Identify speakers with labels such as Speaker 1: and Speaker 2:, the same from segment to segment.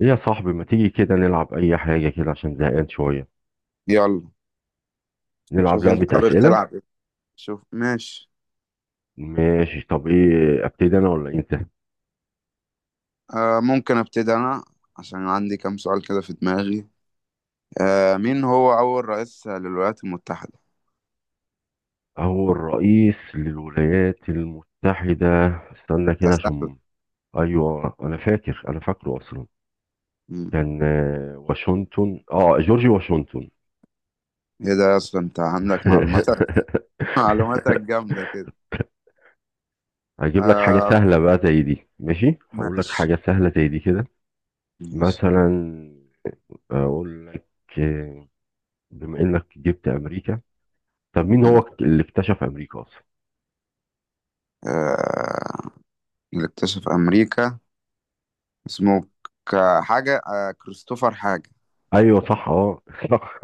Speaker 1: إيه يا صاحبي، ما تيجي كده نلعب اي حاجة كده عشان زهقان شوية؟
Speaker 2: يلا.
Speaker 1: نلعب
Speaker 2: شوف انت
Speaker 1: لعبة
Speaker 2: حابب
Speaker 1: اسئلة.
Speaker 2: تلعب ايه؟ شوف، ماشي.
Speaker 1: ماشي، طب ايه، ابتدي انا ولا انت؟
Speaker 2: ممكن ابتدي انا، عشان عندي كام سؤال كده في دماغي. مين هو اول رئيس للولايات المتحدة؟
Speaker 1: هو الرئيس للولايات المتحدة. استنى
Speaker 2: ده
Speaker 1: كده
Speaker 2: سهل.
Speaker 1: عشان... ايوه، انا فاكره اصلا.
Speaker 2: مم.
Speaker 1: كان واشنطن، جورج واشنطن.
Speaker 2: ايه ده، اصلا انت عندك معلوماتك. معلوماتك جامدة كده.
Speaker 1: هجيب لك حاجة
Speaker 2: آه
Speaker 1: سهلة بقى زي دي. ماشي، هقول لك
Speaker 2: ماشي
Speaker 1: حاجة سهلة زي دي كده.
Speaker 2: ماشي.
Speaker 1: مثلا اقول لك، آه، بما انك جبت امريكا، طب مين
Speaker 2: مم.
Speaker 1: هو اللي اكتشف امريكا اصلا؟
Speaker 2: آه اللي اكتشف امريكا اسمه حاجة، كريستوفر حاجة.
Speaker 1: ايوه، صح، صح.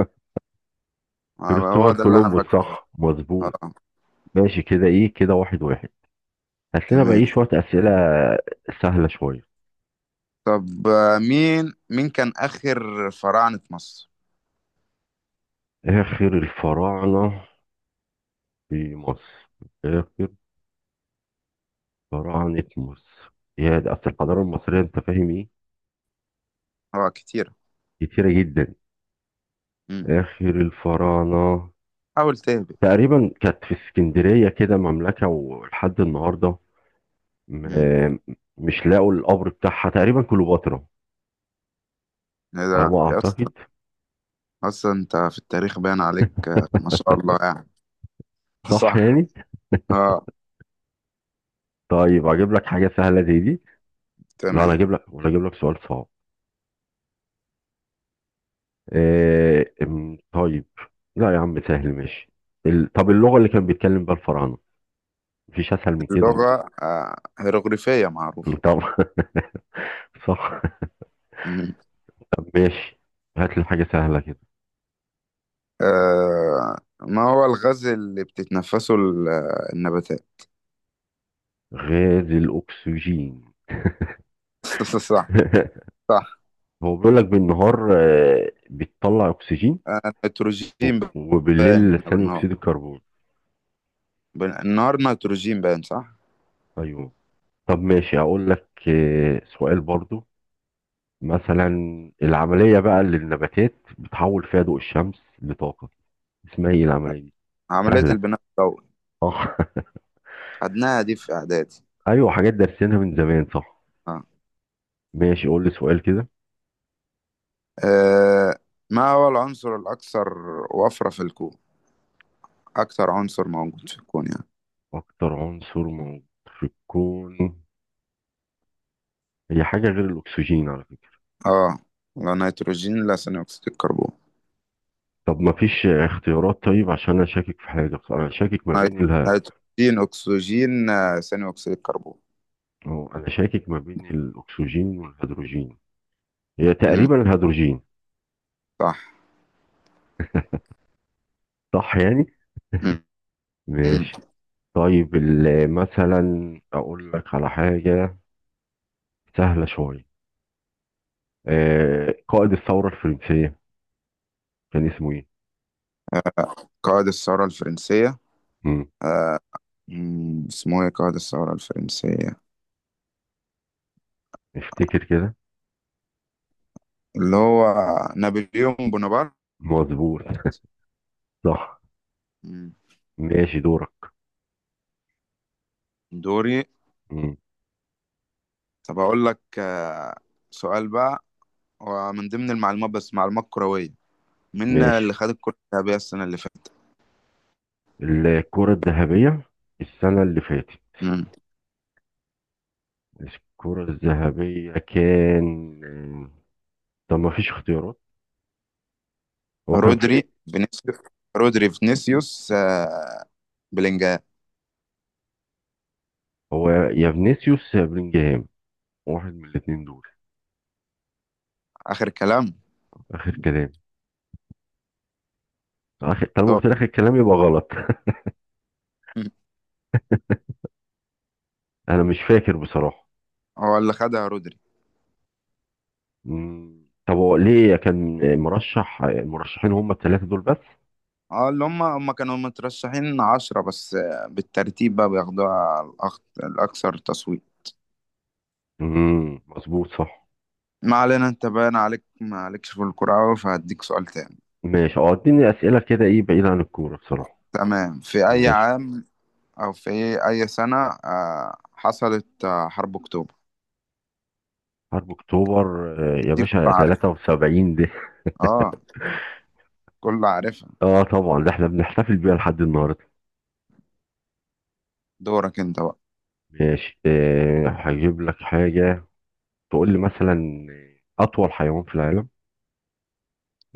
Speaker 2: آه، هو
Speaker 1: كريستوفر
Speaker 2: ده اللي انا
Speaker 1: كولومبوس،
Speaker 2: فاكره بس.
Speaker 1: صح مظبوط.
Speaker 2: اه
Speaker 1: ماشي كده، ايه كده، واحد واحد. هات لنا بقى
Speaker 2: تمام.
Speaker 1: ايه شويه اسئله، سهله شويه.
Speaker 2: طب، مين كان آخر فراعنة مصر؟
Speaker 1: اخر الفراعنه في مصر، اخر فراعنه مصر، يا ده اصل الحضاره المصريه، انت فاهم ايه،
Speaker 2: هو كتير.
Speaker 1: كتيره جدا.
Speaker 2: مم.
Speaker 1: اخر الفراعنه
Speaker 2: حاول تهبط.
Speaker 1: تقريبا كانت في اسكندريه كده، مملكه ولحد النهارده م-
Speaker 2: مم.
Speaker 1: آه، مش لاقوا القبر بتاعها، تقريبا كليوباترا،
Speaker 2: ايه
Speaker 1: على
Speaker 2: ده
Speaker 1: ما
Speaker 2: يا اسطى؟
Speaker 1: اعتقد.
Speaker 2: اصلا انت في التاريخ باين عليك، ما شاء الله يعني.
Speaker 1: صح
Speaker 2: صح.
Speaker 1: يعني.
Speaker 2: اه
Speaker 1: طيب اجيب لك حاجه سهله زي دي. لا انا
Speaker 2: تمام.
Speaker 1: اجيب لك، ولا اجيب لك سؤال صعب؟ آه أم، طيب، لا يا عم، سهل ماشي. طب اللغه اللي كان بيتكلم بيها الفراعنه، مفيش اسهل من كده اهو.
Speaker 2: اللغة هيروغليفية معروفة.
Speaker 1: طب صح.
Speaker 2: مم.
Speaker 1: طب ماشي، هات لي حاجه سهله كده.
Speaker 2: آه ما هو الغاز اللي بتتنفسه النباتات؟
Speaker 1: غاز الاكسجين.
Speaker 2: صح. صح.
Speaker 1: هو بيقول لك بالنهار بتطلع اكسجين،
Speaker 2: آه،
Speaker 1: و-
Speaker 2: نيتروجين
Speaker 1: وبالليل
Speaker 2: باين
Speaker 1: ثاني
Speaker 2: بالنهار.
Speaker 1: اكسيد الكربون.
Speaker 2: النهار نيتروجين، باين صح.
Speaker 1: ايوه. طب ماشي، هقول لك سؤال برضو. مثلا العملية بقى اللي النباتات بتحول فيها ضوء الشمس لطاقة، اسمها ايه العملية دي؟
Speaker 2: عملية
Speaker 1: سهلة،
Speaker 2: البناء الضوئي،
Speaker 1: صح.
Speaker 2: خدناها دي في إعدادي.
Speaker 1: ايوه، حاجات دارسينها من زمان صح.
Speaker 2: آه.
Speaker 1: ماشي قول لي سؤال كده.
Speaker 2: آه، ما هو العنصر الأكثر وفرة في الكون؟ أكثر عنصر موجود في الكون يعني.
Speaker 1: اكتر عنصر موجود في الكون، هي حاجة غير الاكسجين على فكرة.
Speaker 2: آه. لا نيتروجين، لا ثاني أكسيد الكربون.
Speaker 1: طب ما فيش اختيارات طيب، عشان انا شاكك في حاجة بصراحة. انا شاكك ما بين
Speaker 2: نيت-
Speaker 1: الها،
Speaker 2: نيتروجين، أكسجين، ثاني أكسيد الكربون.
Speaker 1: أو انا شاكك ما بين الاكسجين والهيدروجين. هي
Speaker 2: مم.
Speaker 1: تقريبا الهيدروجين،
Speaker 2: صح.
Speaker 1: صح يعني.
Speaker 2: مم. مم.
Speaker 1: ماشي. طيب مثلا اقول لك على حاجة سهلة شوية، آه قائد الثورة الفرنسية كان اسمه ايه؟
Speaker 2: قائد الثورة الفرنسية.
Speaker 1: مم.
Speaker 2: آه. مم. اسمه إيه قائد الثورة الفرنسية؟
Speaker 1: افتكر كده.
Speaker 2: اللي هو نابليون بونابرت.
Speaker 1: مظبوط، صح.
Speaker 2: مم.
Speaker 1: ماشي، دورك.
Speaker 2: دوري.
Speaker 1: مم.
Speaker 2: طب أقول لك سؤال بقى، ومن ضمن المعلومات بس معلومات كروية، مين
Speaker 1: ماشي،
Speaker 2: اللي خد الكرة الذهبية السنة اللي فاتت؟
Speaker 1: الكرة الذهبية السنة اللي فاتت.
Speaker 2: مم.
Speaker 1: الكرة الذهبية كان طب ما فيش اختيارات، هو كان في
Speaker 2: رودري،
Speaker 1: إيه؟
Speaker 2: فينيسيوس. رودري فينيسيوس، بلينجهام.
Speaker 1: هو يا فينيسيوس يا بلينجهام، واحد من الاثنين دول.
Speaker 2: آخر كلام.
Speaker 1: آخر كلام، آخر. طالما
Speaker 2: طب.
Speaker 1: قلت لك الكلام يبقى غلط.
Speaker 2: مم.
Speaker 1: أنا مش فاكر بصراحة.
Speaker 2: هو اللي خدها رودري.
Speaker 1: مم. طب هو ليه كان مرشح، المرشحين هم الثلاثة دول بس؟
Speaker 2: اه، اللي هم كانوا مترشحين 10 بس، بالترتيب بقى بياخدوها الأكثر تصويت.
Speaker 1: مم. مظبوط، صح.
Speaker 2: ما علينا، انت باين عليك ما عليكش في الكرة أوي، فهديك سؤال تاني.
Speaker 1: ماشي، اديني أسئلة كده ايه، بعيد عن الكورة بصراحة.
Speaker 2: تمام، في أي
Speaker 1: ماشي،
Speaker 2: عام، أو في أي سنة، حصلت حرب أكتوبر؟
Speaker 1: حرب اكتوبر يا
Speaker 2: دي
Speaker 1: باشا،
Speaker 2: كلها عارفها.
Speaker 1: 73 دي.
Speaker 2: اه كلها عارفها.
Speaker 1: اه طبعا، ده احنا بنحتفل بيها لحد النهارده.
Speaker 2: دورك انت بقى.
Speaker 1: ماشي، هجيب لك حاجة، تقول لي مثلا أطول حيوان في العالم.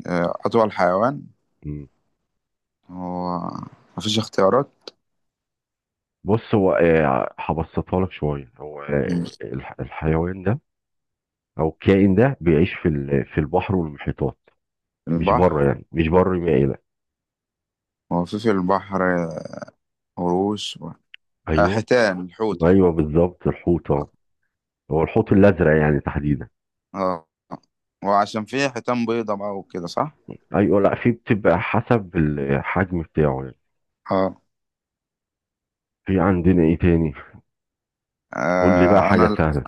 Speaker 2: آه، أطول حيوان.
Speaker 1: مم.
Speaker 2: هو مفيش اختيارات.
Speaker 1: بص، هو هبسطها لك شوية. هو
Speaker 2: مم.
Speaker 1: الحيوان ده أو الكائن ده بيعيش في في البحر والمحيطات، مش بره
Speaker 2: البحر.
Speaker 1: يعني، مش بره، يبقى ايه ده؟
Speaker 2: هو في البحر قروش و آه،
Speaker 1: ايوه.
Speaker 2: حيتان، الحوت
Speaker 1: ايوه
Speaker 2: الحوت
Speaker 1: بالظبط، الحوت اه. هو الحوت الازرق يعني تحديدا.
Speaker 2: اه، وعشان فيه حيتان بيضة بقى وكده صح؟
Speaker 1: ايوه لا، في بتبقى حسب الحجم بتاعه يعني.
Speaker 2: اه.
Speaker 1: في عندنا ايه تاني؟ قول لي بقى
Speaker 2: آه، أنا
Speaker 1: حاجه
Speaker 2: ال-
Speaker 1: سهله.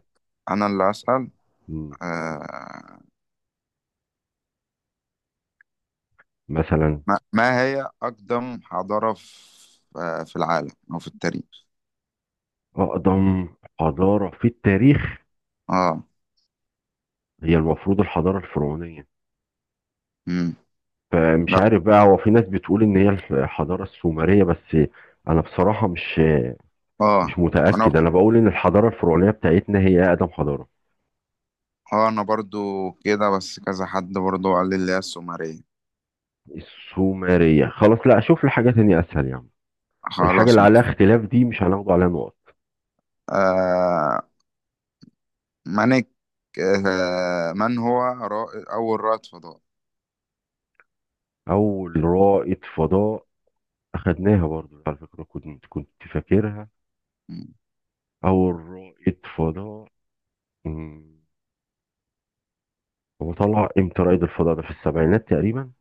Speaker 2: أنا اللي أسأل.
Speaker 1: مم.
Speaker 2: آه،
Speaker 1: مثلا
Speaker 2: ما هي أقدم حضارة في، في العالم أو في التاريخ؟
Speaker 1: اقدم حضاره في التاريخ.
Speaker 2: اه.
Speaker 1: هي المفروض الحضاره الفرعونيه،
Speaker 2: امم.
Speaker 1: فمش
Speaker 2: لا.
Speaker 1: عارف بقى، هو في ناس بتقول ان هي الحضاره السومريه بس. انا بصراحه مش،
Speaker 2: اه
Speaker 1: مش
Speaker 2: أنا.
Speaker 1: متاكد. انا بقول ان الحضاره الفرعونيه بتاعتنا هي اقدم حضاره.
Speaker 2: اه أنا برضو كده، بس كذا حد برضو قال لي اللي هي السومرية.
Speaker 1: السومرية؟ خلاص، لا اشوف لي حاجة تانية اسهل يا عم. الحاجة
Speaker 2: خلاص.
Speaker 1: اللي عليها اختلاف دي مش هناخد عليها نقط.
Speaker 2: آه، مانك. من هو أول رائد فضاء؟
Speaker 1: اول رائد فضاء، اخدناها برضو على فكرة، كنت فاكرها.
Speaker 2: مم.
Speaker 1: اول رائد فضاء، مم، هو طلع امتى رائد الفضاء ده، في السبعينات تقريبا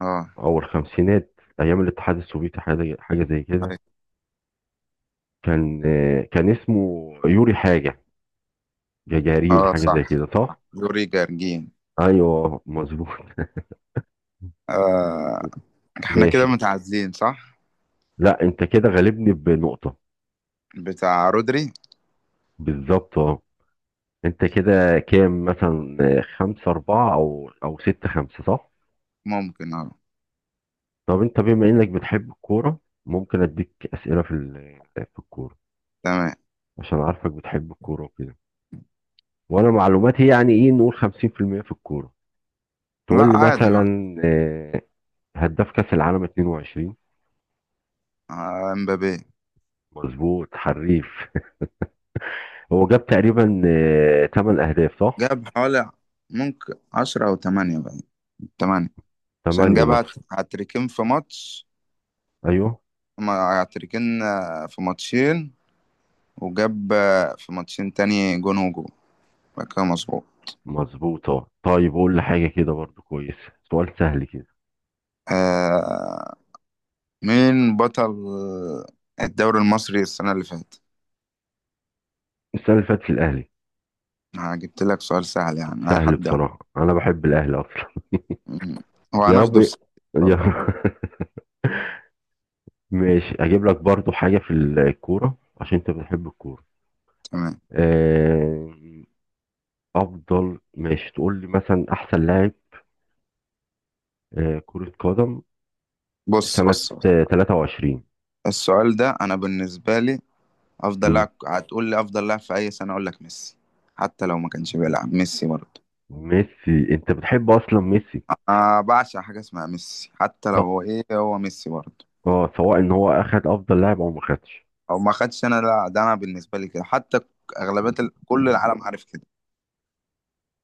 Speaker 2: اه.
Speaker 1: او الخمسينات، ايام الاتحاد السوفيتي، حاجة زي كده.
Speaker 2: أي.
Speaker 1: كان اسمه يوري حاجة، جاجارين،
Speaker 2: اه
Speaker 1: حاجة
Speaker 2: صح،
Speaker 1: زي كده صح.
Speaker 2: يوري جارجين.
Speaker 1: ايوه مظبوط.
Speaker 2: آه. احنا كده
Speaker 1: ماشي.
Speaker 2: متعادلين صح؟
Speaker 1: لا، انت كده غالبني بنقطة،
Speaker 2: بتاع رودري.
Speaker 1: بالظبط اه. انت كده كام مثلا، خمسة أربعة أو ستة خمسة صح؟
Speaker 2: ممكن اه.
Speaker 1: طب انت بما انك بتحب الكورة، ممكن اديك أسئلة في في الكورة،
Speaker 2: تمام.
Speaker 1: عشان عارفك بتحب الكورة وكده. وانا معلوماتي يعني ايه، نقول 50% في المية في الكورة.
Speaker 2: لا
Speaker 1: تقول لي
Speaker 2: عادي بقى.
Speaker 1: مثلا هداف كأس العالم 22.
Speaker 2: آه، امبابي.
Speaker 1: مظبوط، حريف. هو جاب تقريبا 8 أهداف، صح؟
Speaker 2: جاب حوالي، ممكن 10 أو 8 بقى. تمانية. عشان
Speaker 1: 8
Speaker 2: جاب
Speaker 1: مثلا.
Speaker 2: هاتريكين في ماتش.
Speaker 1: ايوه،
Speaker 2: ما هاتريكين، في ماتشين. وجاب في ماتشين تاني جون وجون. بقى كده مظبوط.
Speaker 1: مظبوط طيب. قول لي حاجة كده برضو كويس، سؤال سهل كده.
Speaker 2: آه مين بطل الدوري المصري السنة اللي فاتت؟
Speaker 1: السنة اللي فاتت الأهلي.
Speaker 2: آه، جبت لك سؤال سهل يعني أي
Speaker 1: سهل
Speaker 2: حد يعني.
Speaker 1: بصراحة، أنا بحب الأهلي أصلا.
Speaker 2: مم. هو
Speaker 1: يا رب
Speaker 2: هناخده السنة دي إن شاء
Speaker 1: يا
Speaker 2: الله.
Speaker 1: رب. ماشي، أجيب لك برضو حاجة في الكورة عشان أنت بتحب الكورة.
Speaker 2: تمام.
Speaker 1: آه، أفضل، ماشي، تقول لي مثلا أحسن لاعب كرة قدم
Speaker 2: بص
Speaker 1: سنة
Speaker 2: بص بص،
Speaker 1: 23.
Speaker 2: السؤال ده أنا بالنسبة لي، أفضل
Speaker 1: مم.
Speaker 2: لاعب، هتقول لي أفضل لاعب في أي سنة أقول لك ميسي. حتى لو ما كانش بيلعب ميسي برضه.
Speaker 1: ميسي، أنت بتحب أصلا ميسي.
Speaker 2: أنا بعشق حاجة اسمها ميسي، حتى لو
Speaker 1: طب
Speaker 2: هو إيه، هو ميسي برضه.
Speaker 1: سواء إن هو أخد أفضل لاعب أو ما خدش.
Speaker 2: أو ما خدش، أنا لا، ده أنا بالنسبة لي كده حتى. أغلبية كل العالم عارف كده.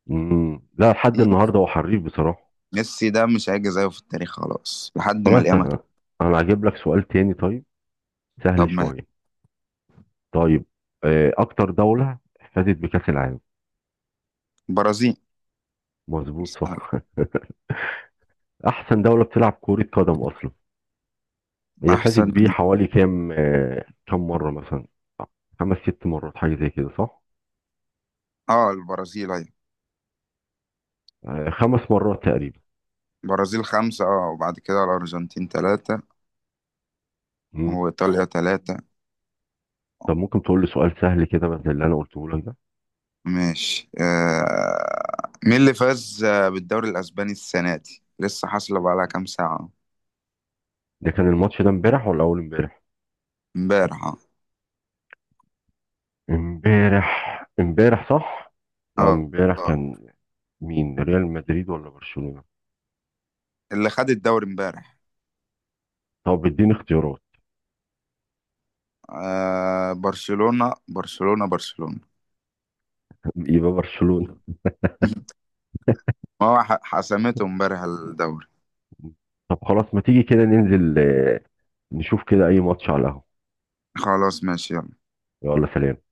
Speaker 1: مم. لا، لحد النهاردة هو حريف بصراحة.
Speaker 2: ميسي ده مش هيجي زيه في التاريخ، خلاص لحد ما
Speaker 1: خلاص.
Speaker 2: القيامة.
Speaker 1: أنا هجيب لك سؤال تاني طيب،
Speaker 2: طب
Speaker 1: سهل
Speaker 2: ما.
Speaker 1: شوية. طيب اكتر دولة فازت بكأس العالم.
Speaker 2: البرازيل.
Speaker 1: مظبوط صح. احسن دولة بتلعب كرة قدم اصلا، هي فازت
Speaker 2: أحسن.
Speaker 1: بيه حوالي كام، كام مرة مثلا؟ خمس ست مرات حاجة زي كده صح؟
Speaker 2: اه البرازيل أيوة.
Speaker 1: خمس مرات تقريبا.
Speaker 2: البرازيل خمسة، اه، وبعد كده الأرجنتين تلاتة،
Speaker 1: مم.
Speaker 2: وإيطاليا تلاتة.
Speaker 1: طب ممكن تقول لي سؤال سهل كده، بس زي اللي انا قلته لك ده؟
Speaker 2: ماشي. آه. مين اللي فاز، بالدوري الأسباني السنة دي؟ لسه حاصلة بقالها كام ساعة.
Speaker 1: ده كان الماتش ده امبارح ولا اول امبارح؟
Speaker 2: امبارح اه.
Speaker 1: امبارح. امبارح صح،
Speaker 2: اه.
Speaker 1: امبارح
Speaker 2: آه.
Speaker 1: كان مين، ريال مدريد ولا برشلونة؟
Speaker 2: اللي خد الدوري امبارح.
Speaker 1: طب اديني اختيارات.
Speaker 2: آه. برشلونة، برشلونة، برشلونة.
Speaker 1: يبقى برشلونة.
Speaker 2: ما هو حسمته امبارح الدوري.
Speaker 1: طب خلاص، ما تيجي كده ننزل نشوف كده اي ماتش على القهوة.
Speaker 2: خلاص ماشي يلا.
Speaker 1: يلا، سلام.